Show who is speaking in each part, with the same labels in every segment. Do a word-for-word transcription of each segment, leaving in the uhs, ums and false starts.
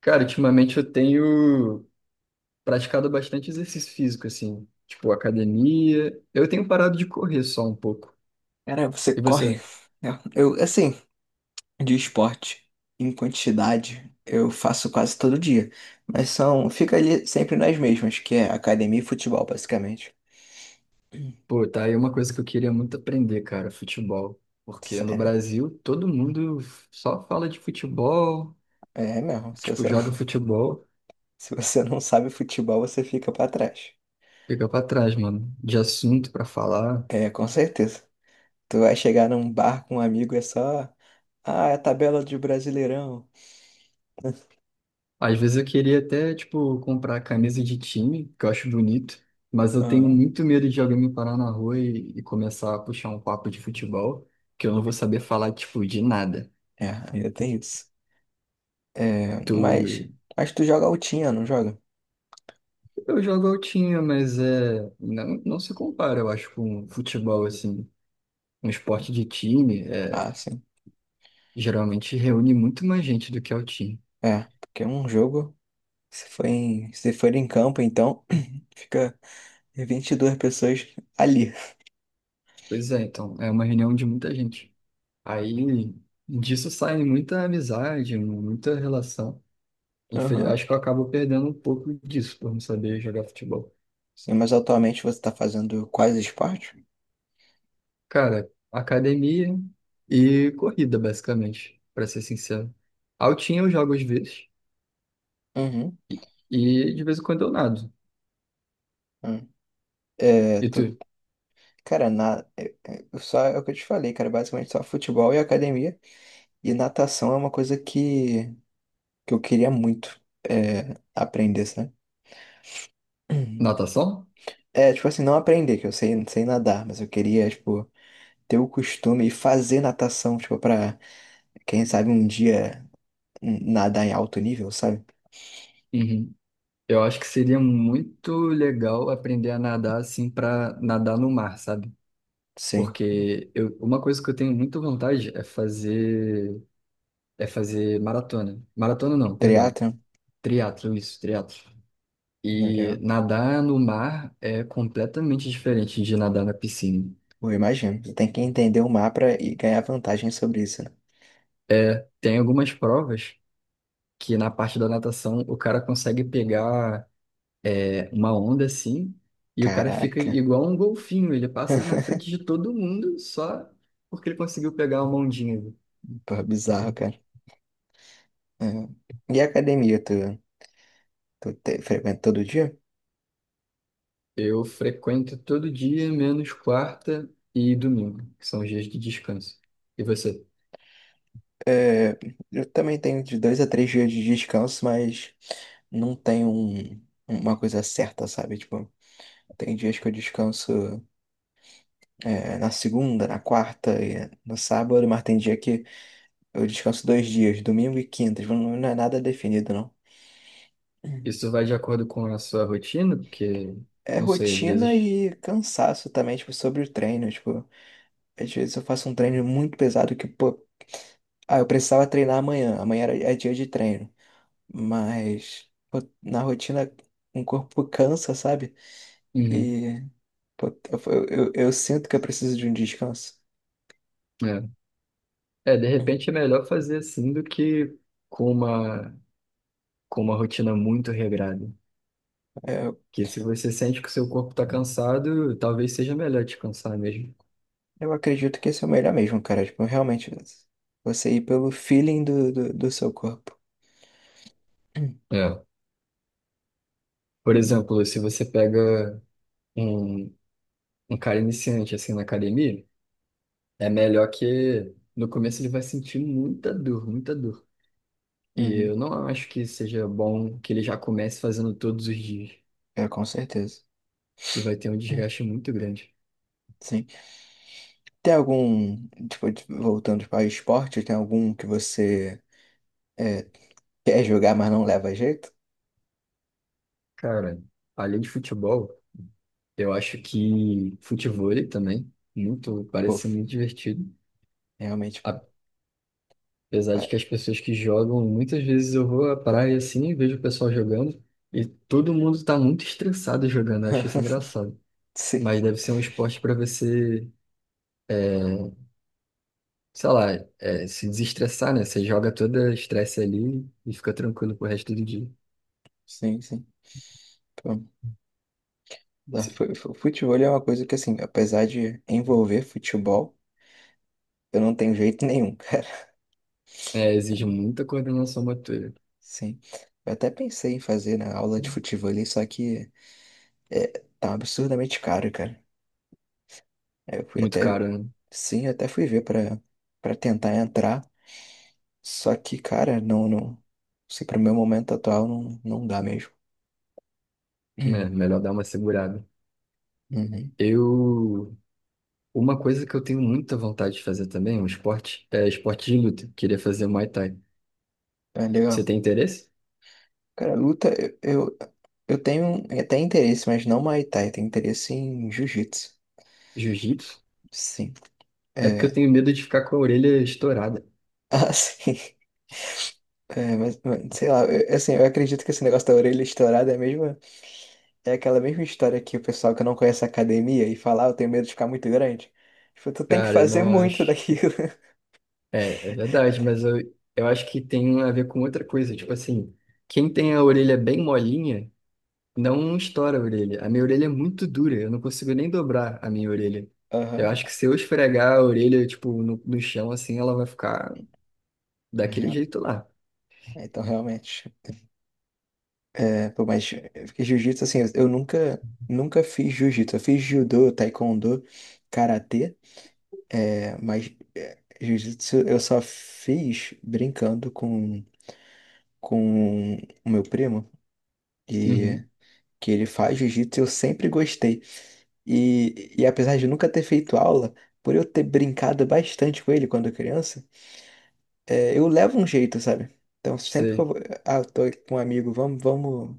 Speaker 1: Cara, ultimamente eu tenho praticado bastante exercício físico, assim, tipo academia. Eu tenho parado de correr só um pouco.
Speaker 2: Cara, você
Speaker 1: E
Speaker 2: corre,
Speaker 1: você?
Speaker 2: né? Eu, assim, de esporte em quantidade, eu faço quase todo dia. Mas são, fica ali sempre nas mesmas, que é academia e futebol, basicamente. Hum.
Speaker 1: Pô, tá aí uma coisa que eu queria muito aprender, cara, futebol. Porque no
Speaker 2: Sério.
Speaker 1: Brasil todo mundo só fala de futebol,
Speaker 2: É mesmo. Se
Speaker 1: tipo,
Speaker 2: você não,
Speaker 1: joga futebol,
Speaker 2: se você não sabe futebol, você fica pra trás.
Speaker 1: fica pra trás, mano, de assunto pra falar.
Speaker 2: É, com certeza. Tu vai chegar num bar com um amigo, e é só. Ah, é a tabela de Brasileirão.
Speaker 1: Às vezes eu queria até, tipo, comprar camisa de time, que eu acho bonito, mas eu tenho
Speaker 2: Aham.
Speaker 1: muito medo de alguém me parar na rua e, e começar a puxar um papo de futebol, que eu não vou saber falar, tipo, de nada.
Speaker 2: É, ainda tem isso. É, mas,
Speaker 1: Tu...
Speaker 2: mas tu joga altinha, não joga?
Speaker 1: Eu jogo altinha, mas é... não, não se compara, eu acho, com futebol, assim. Um esporte de time é,
Speaker 2: Ah, sim.
Speaker 1: geralmente reúne muito mais gente do que altinha.
Speaker 2: É, porque é um jogo, se for em, se for em campo, então fica vinte e duas pessoas ali.
Speaker 1: Pois é, então, é uma reunião de muita gente. Aí disso sai muita amizade, muita relação. Infel-
Speaker 2: Aham.
Speaker 1: Acho que eu acabo perdendo um pouco disso por não saber jogar futebol.
Speaker 2: Sim, mas atualmente você tá fazendo quais esportes?
Speaker 1: Cara, academia e corrida, basicamente, pra ser sincero. Altinha eu jogo às vezes
Speaker 2: Uhum.
Speaker 1: e e de vez em quando eu nado.
Speaker 2: Uhum. É,
Speaker 1: E tu?
Speaker 2: tu, cara, na, é- é- eu só é o que eu te falei, cara, basicamente só futebol e academia. E natação é uma coisa que, que eu queria muito é, aprender, sabe? Uhum.
Speaker 1: Natação?
Speaker 2: É, tipo assim, não aprender, que eu sei, sei nadar, mas eu queria, tipo, ter o costume e fazer natação, tipo, pra, quem sabe um dia nadar em alto nível, sabe?
Speaker 1: Uhum. Eu acho que seria muito legal aprender a nadar assim pra nadar no mar, sabe?
Speaker 2: Sim.
Speaker 1: Porque eu, uma coisa que eu tenho muita vontade é fazer é fazer maratona. Maratona não, perdão.
Speaker 2: Triatlon,
Speaker 1: Triatlo, isso, triatlo. E
Speaker 2: melhor.
Speaker 1: nadar no mar é completamente diferente de nadar na piscina.
Speaker 2: Eu imagino. Você tem que entender o mar pra e ganhar vantagem sobre isso, né?
Speaker 1: Tem algumas provas que na parte da natação o cara consegue pegar é, uma onda assim e o cara fica
Speaker 2: Caraca.
Speaker 1: igual um golfinho, ele passa na frente de todo mundo só porque ele conseguiu pegar uma ondinha.
Speaker 2: Pô, bizarro, cara. É. E a academia, tu, tu te- frequenta todo dia?
Speaker 1: Eu frequento todo dia, menos quarta e domingo, que são os dias de descanso. E você?
Speaker 2: É, eu também tenho de dois a três dias de descanso, mas não tenho um- uma coisa certa, sabe? Tipo, tem dias que eu descanso, é, na segunda, na quarta e no sábado, mas tem dia que eu descanso dois dias, domingo e quinta. Tipo, não não é nada definido, não.
Speaker 1: Isso vai de acordo com a sua rotina? Porque,
Speaker 2: É
Speaker 1: não sei, às
Speaker 2: rotina
Speaker 1: vezes.
Speaker 2: e cansaço também, tipo, sobre o treino. Tipo, às vezes eu faço um treino muito pesado que, pô, ah, eu precisava treinar amanhã. Amanhã era, é dia de treino. Mas, pô, na rotina, o corpo cansa, sabe?
Speaker 1: Uhum.
Speaker 2: E, pô, eu, eu, eu sinto que eu preciso de um descanso.
Speaker 1: É. É, de repente é
Speaker 2: Uhum.
Speaker 1: melhor fazer assim do que com uma, com uma rotina muito regrada.
Speaker 2: É,
Speaker 1: Porque se você sente que o seu corpo está cansado, talvez seja melhor descansar mesmo.
Speaker 2: eu acredito que esse é o melhor mesmo, cara. Tipo, realmente, você ir pelo feeling do, do, do seu corpo.
Speaker 1: É. Por exemplo, se você pega um, um cara iniciante assim na academia, é melhor que no começo ele vai sentir muita dor, muita dor. E eu
Speaker 2: Uhum.
Speaker 1: não acho que seja bom que ele já comece fazendo todos os dias.
Speaker 2: É, com certeza.
Speaker 1: Ele vai ter um
Speaker 2: Hum.
Speaker 1: desgaste muito grande.
Speaker 2: Sim. Tem algum, tipo, de- voltando para esporte, tem algum que você é, quer jogar, mas não leva jeito?
Speaker 1: Cara, além de futebol. Eu acho que futevôlei também, muito,
Speaker 2: Pô,
Speaker 1: parece ser muito divertido.
Speaker 2: realmente. Pô,
Speaker 1: Apesar de
Speaker 2: pa-
Speaker 1: que as pessoas que jogam, muitas vezes eu vou à praia assim e vejo o pessoal jogando e todo mundo tá muito estressado jogando, eu acho isso engraçado.
Speaker 2: Sim,
Speaker 1: Mas deve ser um esporte para você, sei lá, é, se desestressar, né? Você joga todo o estresse ali e fica tranquilo pro resto do dia.
Speaker 2: sim, sim. Pô, dá-
Speaker 1: Se-
Speaker 2: fu- fu- Futebol é uma coisa que, assim, apesar de envolver futebol, eu não tenho jeito nenhum, cara.
Speaker 1: É, exige muita coordenação motora.
Speaker 2: Sim. Eu até pensei em fazer na aula de futebol ali, só que é, tá absurdamente caro, cara. Aí eu fui
Speaker 1: Muito
Speaker 2: até,
Speaker 1: caro, né?
Speaker 2: sim, eu até fui ver pra para tentar entrar, só que, cara, não, não, se pro meu momento atual não, não dá mesmo.
Speaker 1: É,
Speaker 2: Hum.
Speaker 1: melhor dar uma segurada.
Speaker 2: Uhum.
Speaker 1: Eu Uma coisa que eu tenho muita vontade de fazer também, um esporte, é esporte de luta. Queria fazer Muay Thai.
Speaker 2: É
Speaker 1: Você
Speaker 2: legal.
Speaker 1: tem interesse?
Speaker 2: Cara, luta, eu, eu, eu tenho até interesse, mas não Muay Thai, tenho interesse em Jiu-Jitsu.
Speaker 1: Jiu-jitsu?
Speaker 2: Sim.
Speaker 1: É porque eu
Speaker 2: É,
Speaker 1: tenho medo de ficar com a orelha estourada.
Speaker 2: assim, é, mas, mas, sei lá, eu, assim, eu acredito que esse negócio da orelha estourada é a mesma, é aquela mesma história que o pessoal que não conhece a academia e fala, ah, eu tenho medo de ficar muito grande. Tipo, tu tem que
Speaker 1: Cara, eu
Speaker 2: fazer
Speaker 1: não
Speaker 2: muito
Speaker 1: acho.
Speaker 2: daquilo.
Speaker 1: É, é verdade, mas eu, eu acho que tem a ver com outra coisa. Tipo assim, quem tem a orelha bem molinha, não estoura a orelha. A minha orelha é muito dura, eu não consigo nem dobrar a minha orelha. Eu
Speaker 2: Aham,
Speaker 1: acho que se eu esfregar a orelha, tipo, no, no chão, assim, ela vai ficar
Speaker 2: na
Speaker 1: daquele
Speaker 2: real.
Speaker 1: jeito lá.
Speaker 2: É, então, realmente, é, pô, mas eu fiquei jiu-jitsu, assim, eu eu nunca, nunca fiz jiu-jitsu. Eu fiz judô, taekwondo, karatê, é, mas é, jiu-jitsu eu só fiz brincando com, com o meu primo, e
Speaker 1: Uhum,
Speaker 2: que ele faz jiu-jitsu, eu sempre gostei. E, e apesar de nunca ter feito aula, por eu ter brincado bastante com ele quando criança, é, eu levo um jeito, sabe? Então, sempre que eu
Speaker 1: sei.
Speaker 2: vou, ah, eu tô com um amigo, vamos, vamos.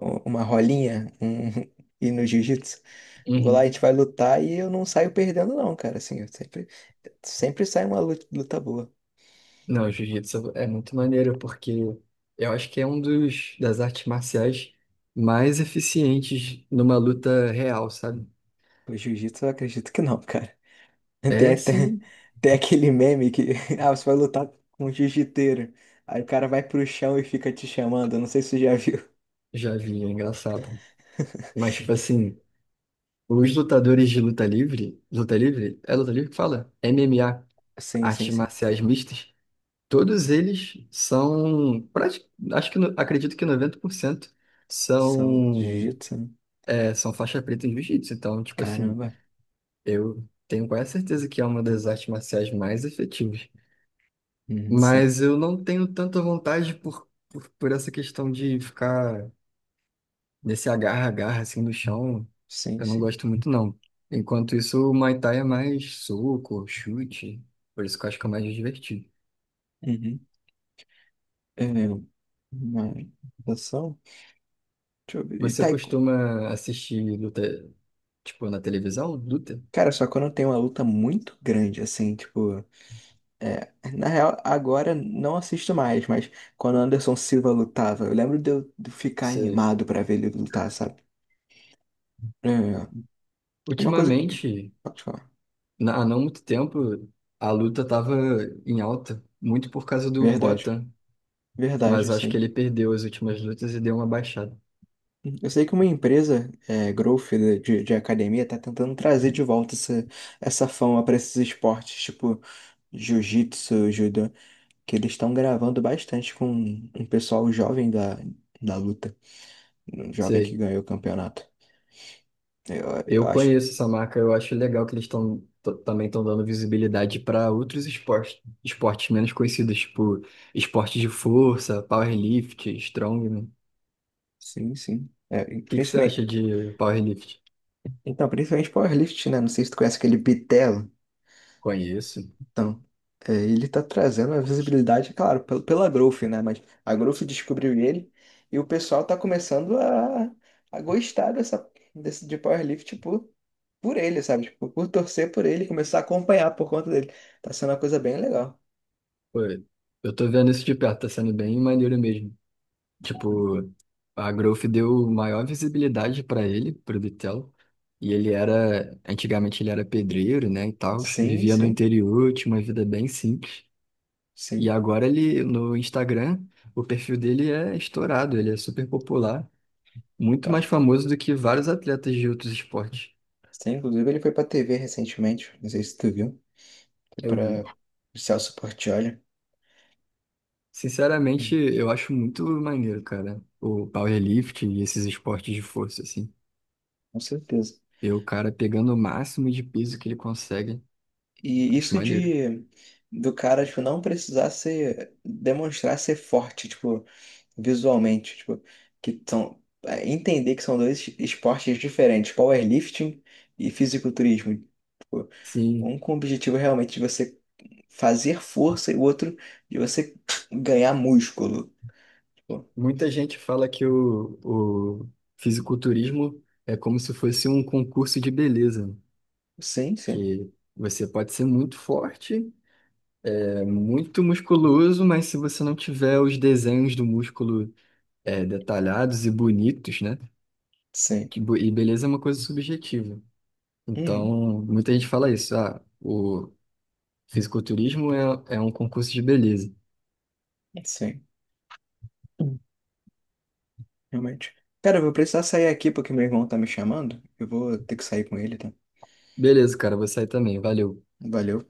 Speaker 2: um- uma rolinha um, e no jiu-jitsu. Eu vou lá, a
Speaker 1: Uhum.
Speaker 2: gente vai lutar e eu não saio perdendo, não, cara. Assim, eu sempre, sempre sai uma lu- luta boa.
Speaker 1: Não, o jiu-jitsu é muito maneiro, porque eu acho que é um dos das artes marciais mais eficientes numa luta real, sabe?
Speaker 2: O jiu-jitsu eu acredito que não, cara. Tem
Speaker 1: É
Speaker 2: até
Speaker 1: sim,
Speaker 2: tem aquele meme que ah, você vai lutar com um jiu-jiteiro. Aí o cara vai pro chão e fica te chamando. Eu não sei se você já viu.
Speaker 1: já vi, é engraçado. Mas, tipo assim, os lutadores de luta livre, luta livre? É luta livre que fala? M M A,
Speaker 2: Sim, sim,
Speaker 1: artes
Speaker 2: sim.
Speaker 1: marciais mistas, todos eles são, prati- acho que, no- acredito que noventa por cento
Speaker 2: São de
Speaker 1: são,
Speaker 2: jiu-jitsu, né?
Speaker 1: é, são faixa preta em jiu-jitsu. Então, tipo assim.
Speaker 2: Caramba.
Speaker 1: Eu tenho quase certeza que é uma das artes marciais mais efetivas.
Speaker 2: Uhum, sim,
Speaker 1: Mas eu não tenho tanta vontade por, por, por essa questão de ficar nesse agarra-agarra assim no chão.
Speaker 2: sim,
Speaker 1: Eu não
Speaker 2: sim.
Speaker 1: gosto muito, não. Enquanto isso, o Muay Thai é mais soco, chute. Por isso que eu acho que é mais divertido.
Speaker 2: Uhum. É, uma natação? Deixa eu ver. E
Speaker 1: Você
Speaker 2: tai-
Speaker 1: costuma assistir luta, tipo, na televisão, luta?
Speaker 2: Cara, só quando tem uma luta muito grande, assim, tipo. É, na real, agora não assisto mais, mas quando o Anderson Silva lutava, eu lembro de eu de ficar
Speaker 1: Você...
Speaker 2: animado pra ver ele lutar, sabe? É, uma coisa que.
Speaker 1: Ultimamente,
Speaker 2: Pode falar.
Speaker 1: na- há não muito tempo, a luta estava em alta, muito por causa do
Speaker 2: Verdade.
Speaker 1: Poatan.
Speaker 2: Verdade,
Speaker 1: Mas acho que
Speaker 2: sim.
Speaker 1: ele perdeu as últimas lutas e deu uma baixada.
Speaker 2: Eu sei que uma empresa, é, Growth de, de de academia, tá tentando trazer de volta essa, essa fama pra esses esportes, tipo jiu-jitsu, judô, que eles estão gravando bastante com um pessoal jovem da, da luta. Um jovem que
Speaker 1: Sei.
Speaker 2: ganhou o campeonato. Eu, eu
Speaker 1: Eu
Speaker 2: acho.
Speaker 1: conheço essa marca, eu acho legal que eles estão também estão dando visibilidade para outros esportes, esportes menos conhecidos, tipo esportes de força, powerlift, strongman. O
Speaker 2: Sim, sim. É, e
Speaker 1: que que você
Speaker 2: principalmente,
Speaker 1: acha de powerlift?
Speaker 2: então, principalmente powerlift, né? Não sei se tu conhece aquele Bitelo.
Speaker 1: Conheço.
Speaker 2: Então, é, ele tá trazendo a visibilidade, claro, pel- pela Growth, né? Mas a Growth descobriu ele e o pessoal tá começando a, a gostar dessa, desse, de powerlift por, por ele, sabe? Tipo, por torcer por ele, começar a acompanhar por conta dele. Tá sendo uma coisa bem legal.
Speaker 1: Pô, eu tô vendo isso de perto, tá sendo bem maneiro mesmo. Tipo, a Growth deu maior visibilidade para ele, pro Bitelo. E ele era, antigamente ele era pedreiro, né, e tal,
Speaker 2: Sim,
Speaker 1: vivia no
Speaker 2: sim,
Speaker 1: interior, tinha uma vida bem simples. E
Speaker 2: sim.
Speaker 1: agora ele, no Instagram, o perfil dele é estourado, ele é super popular, muito mais
Speaker 2: Tá.
Speaker 1: famoso do que vários atletas de outros esportes.
Speaker 2: Sim, inclusive ele foi pra T V recentemente. Não sei se tu viu. Foi
Speaker 1: Eu vi.
Speaker 2: para o Celso Portiolli.
Speaker 1: Sinceramente,
Speaker 2: Hum.
Speaker 1: eu acho muito maneiro, cara, o powerlifting e esses esportes de força, assim.
Speaker 2: Com certeza.
Speaker 1: Ver o cara pegando o máximo de peso que ele consegue,
Speaker 2: E
Speaker 1: acho
Speaker 2: isso
Speaker 1: maneiro.
Speaker 2: de do cara, tipo, não precisar ser, demonstrar ser forte, tipo, visualmente, tipo, que são, é, entender que são dois esportes diferentes, powerlifting e fisiculturismo. Tipo,
Speaker 1: Sim,
Speaker 2: um com o objetivo realmente de você fazer força e o outro de você ganhar músculo. Tipo,
Speaker 1: muita gente fala que o, o fisiculturismo é como se fosse um concurso de beleza,
Speaker 2: sim, sim,
Speaker 1: que você pode ser muito forte, é muito musculoso, mas se você não tiver os desenhos do músculo é, detalhados e bonitos, né?
Speaker 2: sim.
Speaker 1: Que bo- E beleza é uma coisa subjetiva.
Speaker 2: Uhum,
Speaker 1: Então, muita gente fala isso, ah, o fisiculturismo é, é um concurso de beleza.
Speaker 2: sim. Realmente. Cara, eu vou precisar sair aqui porque meu irmão tá me chamando. Eu vou ter que sair com ele, tá?
Speaker 1: Beleza, cara, vou sair também, valeu.
Speaker 2: Valeu.